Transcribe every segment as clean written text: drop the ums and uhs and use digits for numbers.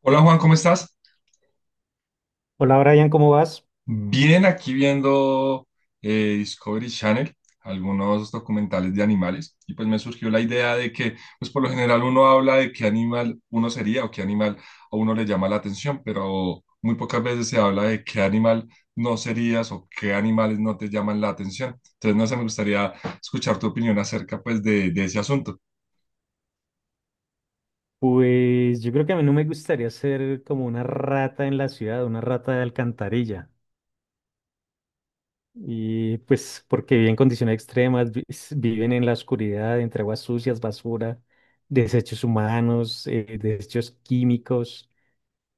Hola Juan, ¿cómo estás? Hola Brian, ¿cómo vas? Bien, aquí viendo Discovery Channel, algunos documentales de animales, y pues me surgió la idea de que, pues por lo general uno habla de qué animal uno sería o qué animal a uno le llama la atención, pero muy pocas veces se habla de qué animal no serías o qué animales no te llaman la atención. Entonces, no sé, me gustaría escuchar tu opinión acerca pues de ese asunto. Pues yo creo que a mí no me gustaría ser como una rata en la ciudad, una rata de alcantarilla. Y pues porque viven en condiciones extremas, viven en la oscuridad, entre aguas sucias, basura, desechos humanos, desechos químicos.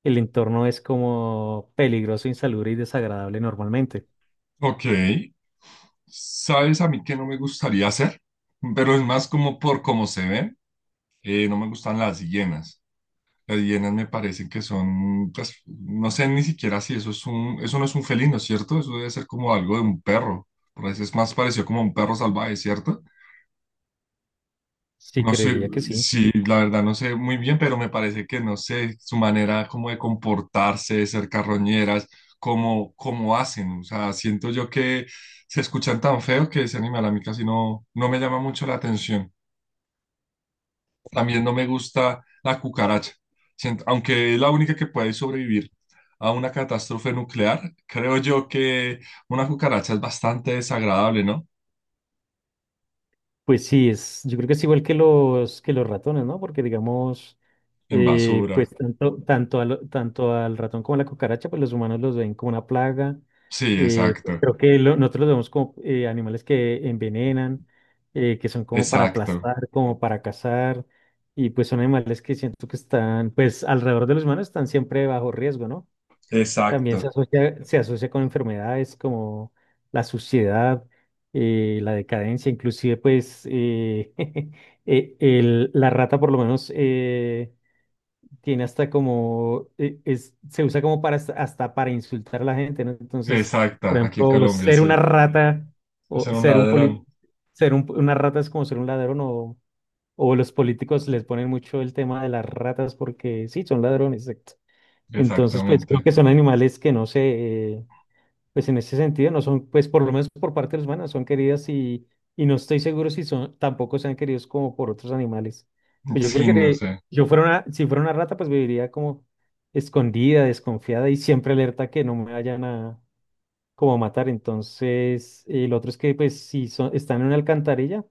El entorno es como peligroso, insalubre y desagradable normalmente. Ok, ¿sabes a mí qué no me gustaría hacer? Pero es más como por cómo se ven. No me gustan las hienas. Las hienas me parecen que son, pues, no sé ni siquiera si eso es eso no es un felino, ¿cierto? Eso debe ser como algo de un perro. Por eso es más parecido como a un perro salvaje, ¿cierto? Sí, No sé, creería que sí. sí, la verdad no sé muy bien, pero me parece que no sé su manera como de comportarse, de ser carroñeras, cómo hacen. O sea, siento yo que se escuchan tan feo que ese animal a mí casi no, no me llama mucho la atención. También no me gusta la cucaracha. Aunque es la única que puede sobrevivir a una catástrofe nuclear, creo yo que una cucaracha es bastante desagradable, ¿no? Pues sí, es, yo creo que es igual que los ratones, ¿no? Porque digamos, En basura. pues tanto al ratón como a la cucaracha, pues los humanos los ven como una plaga. Sí, Pues exacto, creo que nosotros los vemos como animales que envenenan, que son como para exacto, aplastar, como para cazar, y pues son animales que siento que están, pues alrededor de los humanos están siempre bajo riesgo, ¿no? También exacto. Se asocia con enfermedades como la suciedad, la decadencia, inclusive pues la rata por lo menos tiene hasta como, es, se usa como para hasta para insultar a la gente, ¿no? Entonces, por Exacta, aquí en ejemplo, Colombia, ser una sí. rata Es o un ser ladrón, una rata es como ser un ladrón o los políticos les ponen mucho el tema de las ratas porque sí, son ladrones, exacto. Entonces, pues creo exactamente. que son animales que no sé, pues en ese sentido no son, pues por lo menos por parte de los humanos son queridas y no estoy seguro si son, tampoco sean queridos como por otros animales. Pues yo creo Sí, que no de- sé, Yo fuera una, si fuera una rata, pues viviría como escondida, desconfiada y siempre alerta que no me vayan a como a matar. Entonces, el otro es que pues si son, están en una alcantarilla,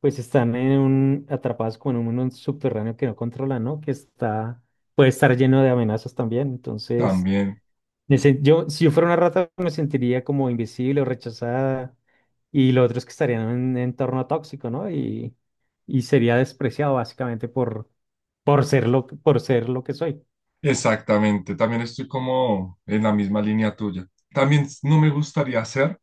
pues están en un, atrapados como en un subterráneo que no controlan, ¿no? Que está, puede estar lleno de amenazas también. Entonces también, yo, si yo fuera una rata, me sentiría como invisible o rechazada. Y lo otro es que estaría en un entorno tóxico, ¿no? Y sería despreciado básicamente por ser por ser lo que soy. exactamente, también estoy como en la misma línea tuya. También no me gustaría hacer.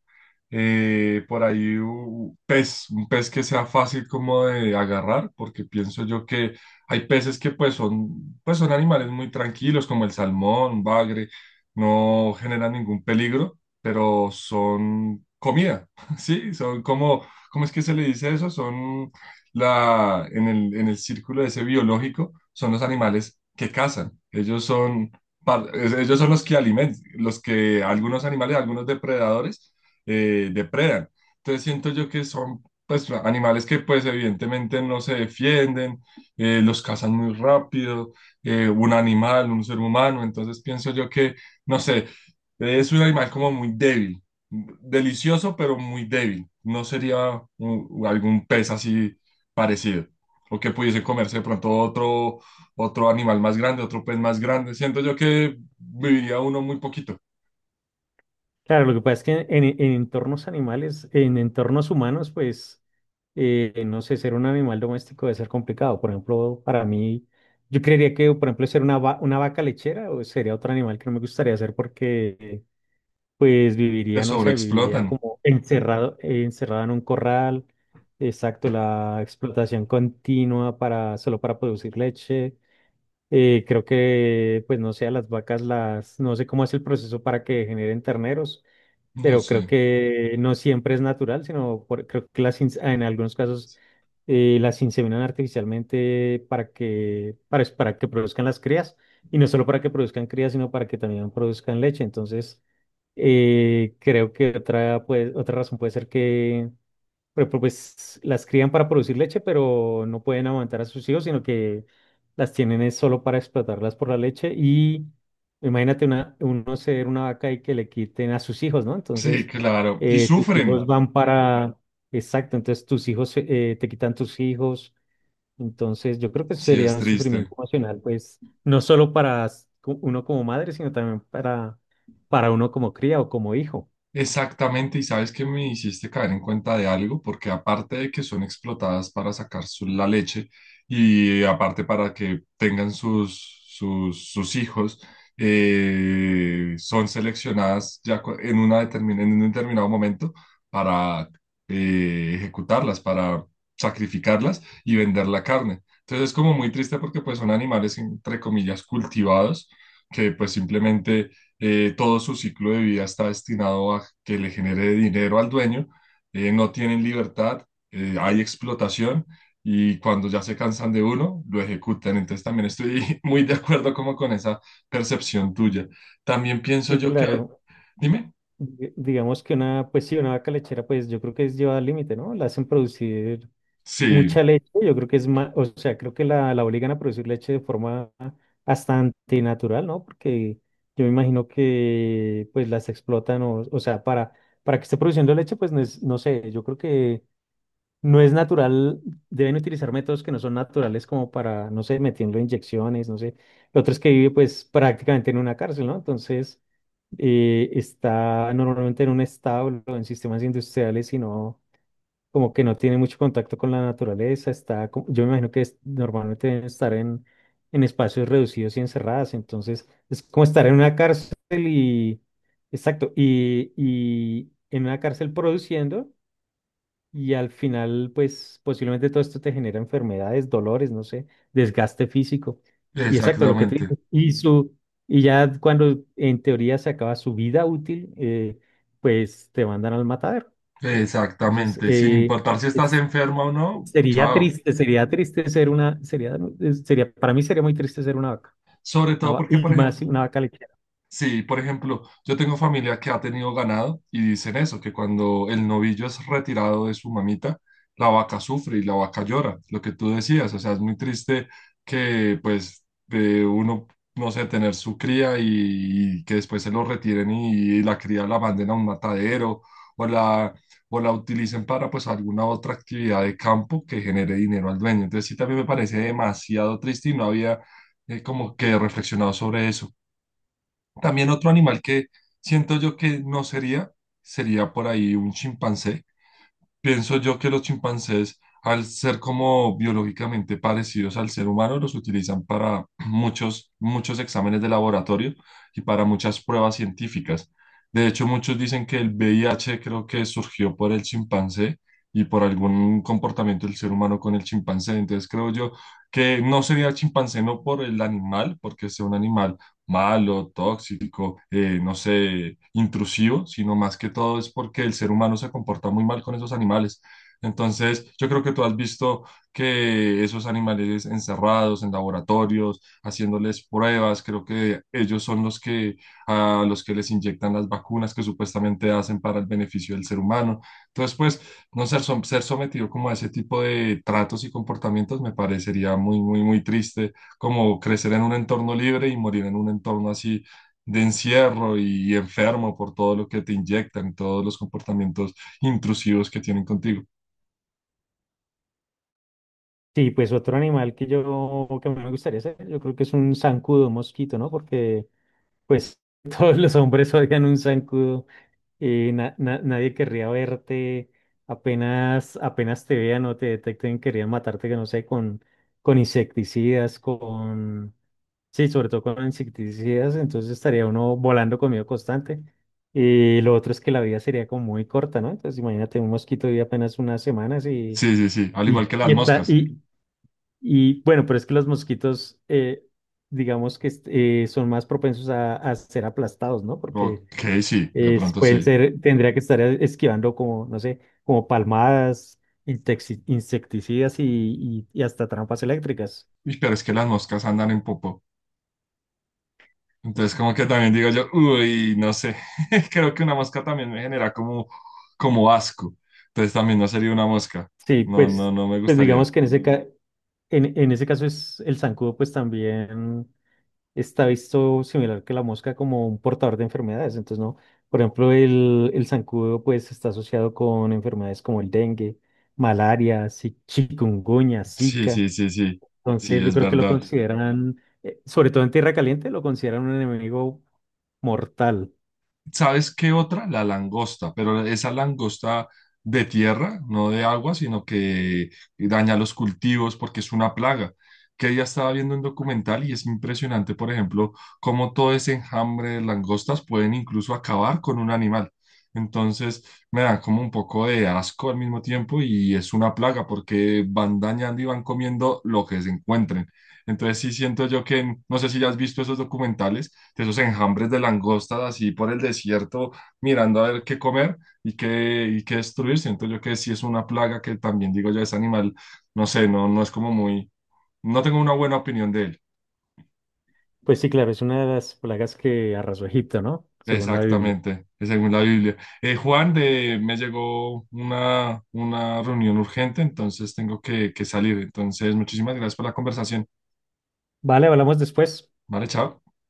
Por ahí un pez que sea fácil como de agarrar, porque pienso yo que hay peces que pues son animales muy tranquilos, como el salmón, un bagre, no generan ningún peligro, pero son comida, ¿sí? Son como, ¿cómo es que se le dice eso? Son la, en el círculo ese biológico, son los animales que cazan. Ellos son, ellos son los que alimentan, los que algunos animales, algunos depredadores, depredan. Entonces siento yo que son pues animales que pues evidentemente no se defienden, los cazan muy rápido, un animal, un ser humano, entonces pienso yo que, no sé, es un animal como muy débil, delicioso pero muy débil, no sería un- algún pez así parecido, o que pudiese comerse de pronto otro, otro animal más grande, otro pez más grande, siento yo que viviría uno muy poquito, Claro, lo que pasa es que en entornos animales, en entornos humanos, pues, no sé, ser un animal doméstico debe ser complicado. Por ejemplo, para mí, yo creería que, por ejemplo, ser una vaca lechera o sería otro animal que no me gustaría ser porque pues se viviría, no sé, viviría sobreexplotan, como encerrado, encerrado en un corral. Exacto, la explotación continua para, solo para producir leche. Creo que, pues no sé, a las vacas las, no sé cómo es el proceso para que generen terneros, no pero creo sé. que no siempre es natural, sino creo que en algunos casos las inseminan artificialmente para que produzcan las crías, y no solo para que produzcan crías, sino para que también produzcan leche. Entonces, creo que otra, pues, otra razón puede ser que pues las crían para producir leche, pero no pueden amamantar a sus hijos, sino que las tienen es solo para explotarlas por la leche. Y imagínate una, uno ser una vaca y que le quiten a sus hijos, ¿no? Sí, Entonces, claro. Y tus hijos Claro. sufren. Van para... Exacto, entonces tus hijos te quitan tus hijos. Entonces, yo creo que Sí, sería es un triste. sufrimiento emocional, pues, no solo para uno como madre, sino también para uno como cría o como hijo. Exactamente, y sabes que me hiciste caer en cuenta de algo, porque aparte de que son explotadas para sacar la leche y aparte para que tengan sus, sus hijos, son seleccionadas ya una en un determinado momento para ejecutarlas, para sacrificarlas y vender la carne. Entonces es como muy triste porque pues son animales entre comillas cultivados que pues simplemente todo su ciclo de vida está destinado a que le genere dinero al dueño, no tienen libertad, hay explotación y cuando ya se cansan de uno, lo ejecutan. Entonces también estoy muy de acuerdo como con esa percepción tuya. También pienso Sí, yo que, claro. dime, Digamos que una, pues sí, una vaca lechera, pues yo creo que es llevada al límite, ¿no? La hacen producir sí, mucha leche, yo creo que es más, o sea, creo que la obligan a producir leche de forma hasta antinatural, ¿no? Porque yo me imagino que pues las explotan, o sea, para que esté produciendo leche, pues no sé, yo creo que no es natural, deben utilizar métodos que no son naturales como para, no sé, metiendo inyecciones, no sé. Lo otro es que vive pues prácticamente en una cárcel, ¿no? Entonces está normalmente en un establo, en sistemas industriales, y no, como que no tiene mucho contacto con la naturaleza, está, yo me imagino normalmente deben estar en espacios reducidos y encerradas, entonces es como estar en una cárcel y, exacto, y en una cárcel produciendo. Y al final, pues posiblemente todo esto te genera enfermedades, dolores, no sé, desgaste físico. Y exacto, lo que te exactamente, dices. Y, su, y ya cuando en teoría se acaba su vida útil, pues te mandan al matadero. Entonces, exactamente, sin importar si estás es- enferma o no, chao. Sería triste ser una, sería, sería, para mí sería muy triste ser una vaca. Sobre todo porque, Y por más si ejemplo, una vaca lechera. sí, por ejemplo, yo tengo familia que ha tenido ganado y dicen eso, que cuando el novillo es retirado de su mamita, la vaca sufre y la vaca llora, lo que tú decías, o sea, es muy triste que pues de uno, no sé, tener su cría y que después se lo retiren y la cría la manden a un matadero o la, o la utilicen para pues alguna otra actividad de campo que genere dinero al dueño. Entonces sí, también me parece demasiado triste y no había como que reflexionado sobre eso. También otro animal que siento yo que no sería, sería por ahí un chimpancé. Pienso yo que los chimpancés, al ser como biológicamente parecidos al ser humano, los utilizan para muchos, muchos exámenes de laboratorio y para muchas pruebas científicas. De hecho, muchos dicen que el VIH creo que surgió por el chimpancé y por algún comportamiento del ser humano con el chimpancé. Entonces, creo yo que no sería el chimpancé no por el animal, porque es un animal malo, tóxico, no sé, intrusivo, sino más que todo es porque el ser humano se comporta muy mal con esos animales. Entonces, yo creo que tú has visto que esos animales encerrados en laboratorios, haciéndoles pruebas, creo que ellos son los que a los que les inyectan las vacunas que supuestamente hacen para el beneficio del ser humano. Entonces, pues, no ser, som- ser sometido como a ese tipo de tratos y comportamientos me parecería muy, muy triste como crecer en un entorno libre y morir en un entorno así de encierro y enfermo por todo lo que te inyectan, todos los comportamientos intrusivos que tienen contigo. Sí, pues otro animal que yo, que a mí me gustaría ser, yo creo que es un zancudo, un mosquito, ¿no? Porque pues todos los hombres odian un zancudo. Nadie querría verte. Apenas, apenas te vean o te detecten, querían matarte, que no sé, con insecticidas, con... Sí, sobre todo con insecticidas, entonces estaría uno volando con miedo constante. Y lo otro es que la vida sería como muy corta, ¿no? Entonces imagínate un mosquito vive apenas unas semanas Sí, sí, sí, al igual que y las está, moscas. y bueno, pero es que los mosquitos, digamos son más propensos a ser aplastados, ¿no? Porque Ok, sí, de pronto pueden sí. ser, tendría que estar esquivando como, no sé, como palmadas, insecticidas y, y hasta trampas eléctricas. Uy, pero es que las moscas andan en popo. Entonces como que también digo yo, uy, no sé, creo que una mosca también me genera como, como asco. Entonces también no sería una mosca. Sí, No, no, pues, no me pues digamos gustaría. que en en ese caso es el zancudo, pues también. Está visto similar que la mosca como un portador de enfermedades. Entonces, ¿no? Por ejemplo, el zancudo pues está asociado con enfermedades como el dengue, malaria, chikungunya, Sí, Zika. sí, sí, sí. Entonces, Sí, yo es creo que lo verdad. consideran, sobre todo en tierra caliente, lo consideran un enemigo mortal. ¿Sabes qué otra? La langosta, pero esa langosta de tierra, no de agua, sino que daña los cultivos porque es una plaga. Que ya estaba viendo un documental y es impresionante, por ejemplo, cómo todo ese enjambre de langostas pueden incluso acabar con un animal. Entonces, me da como un poco de asco al mismo tiempo y es una plaga porque van dañando y van comiendo lo que se encuentren. Entonces, sí siento yo que, no sé si ya has visto esos documentales de esos enjambres de langostas así por el desierto, mirando a ver qué comer y qué destruir. Siento yo que sí es una plaga que también digo yo, ese animal, no sé, no, no es como muy, no tengo una buena opinión de él. Pues sí, claro, es una de las plagas que arrasó Egipto, ¿no? Según la Biblia. Exactamente, según la Biblia. Juan, de, me llegó una reunión urgente, entonces tengo que salir. Entonces, muchísimas gracias por la conversación. Vale, hablamos después. Vale, chao.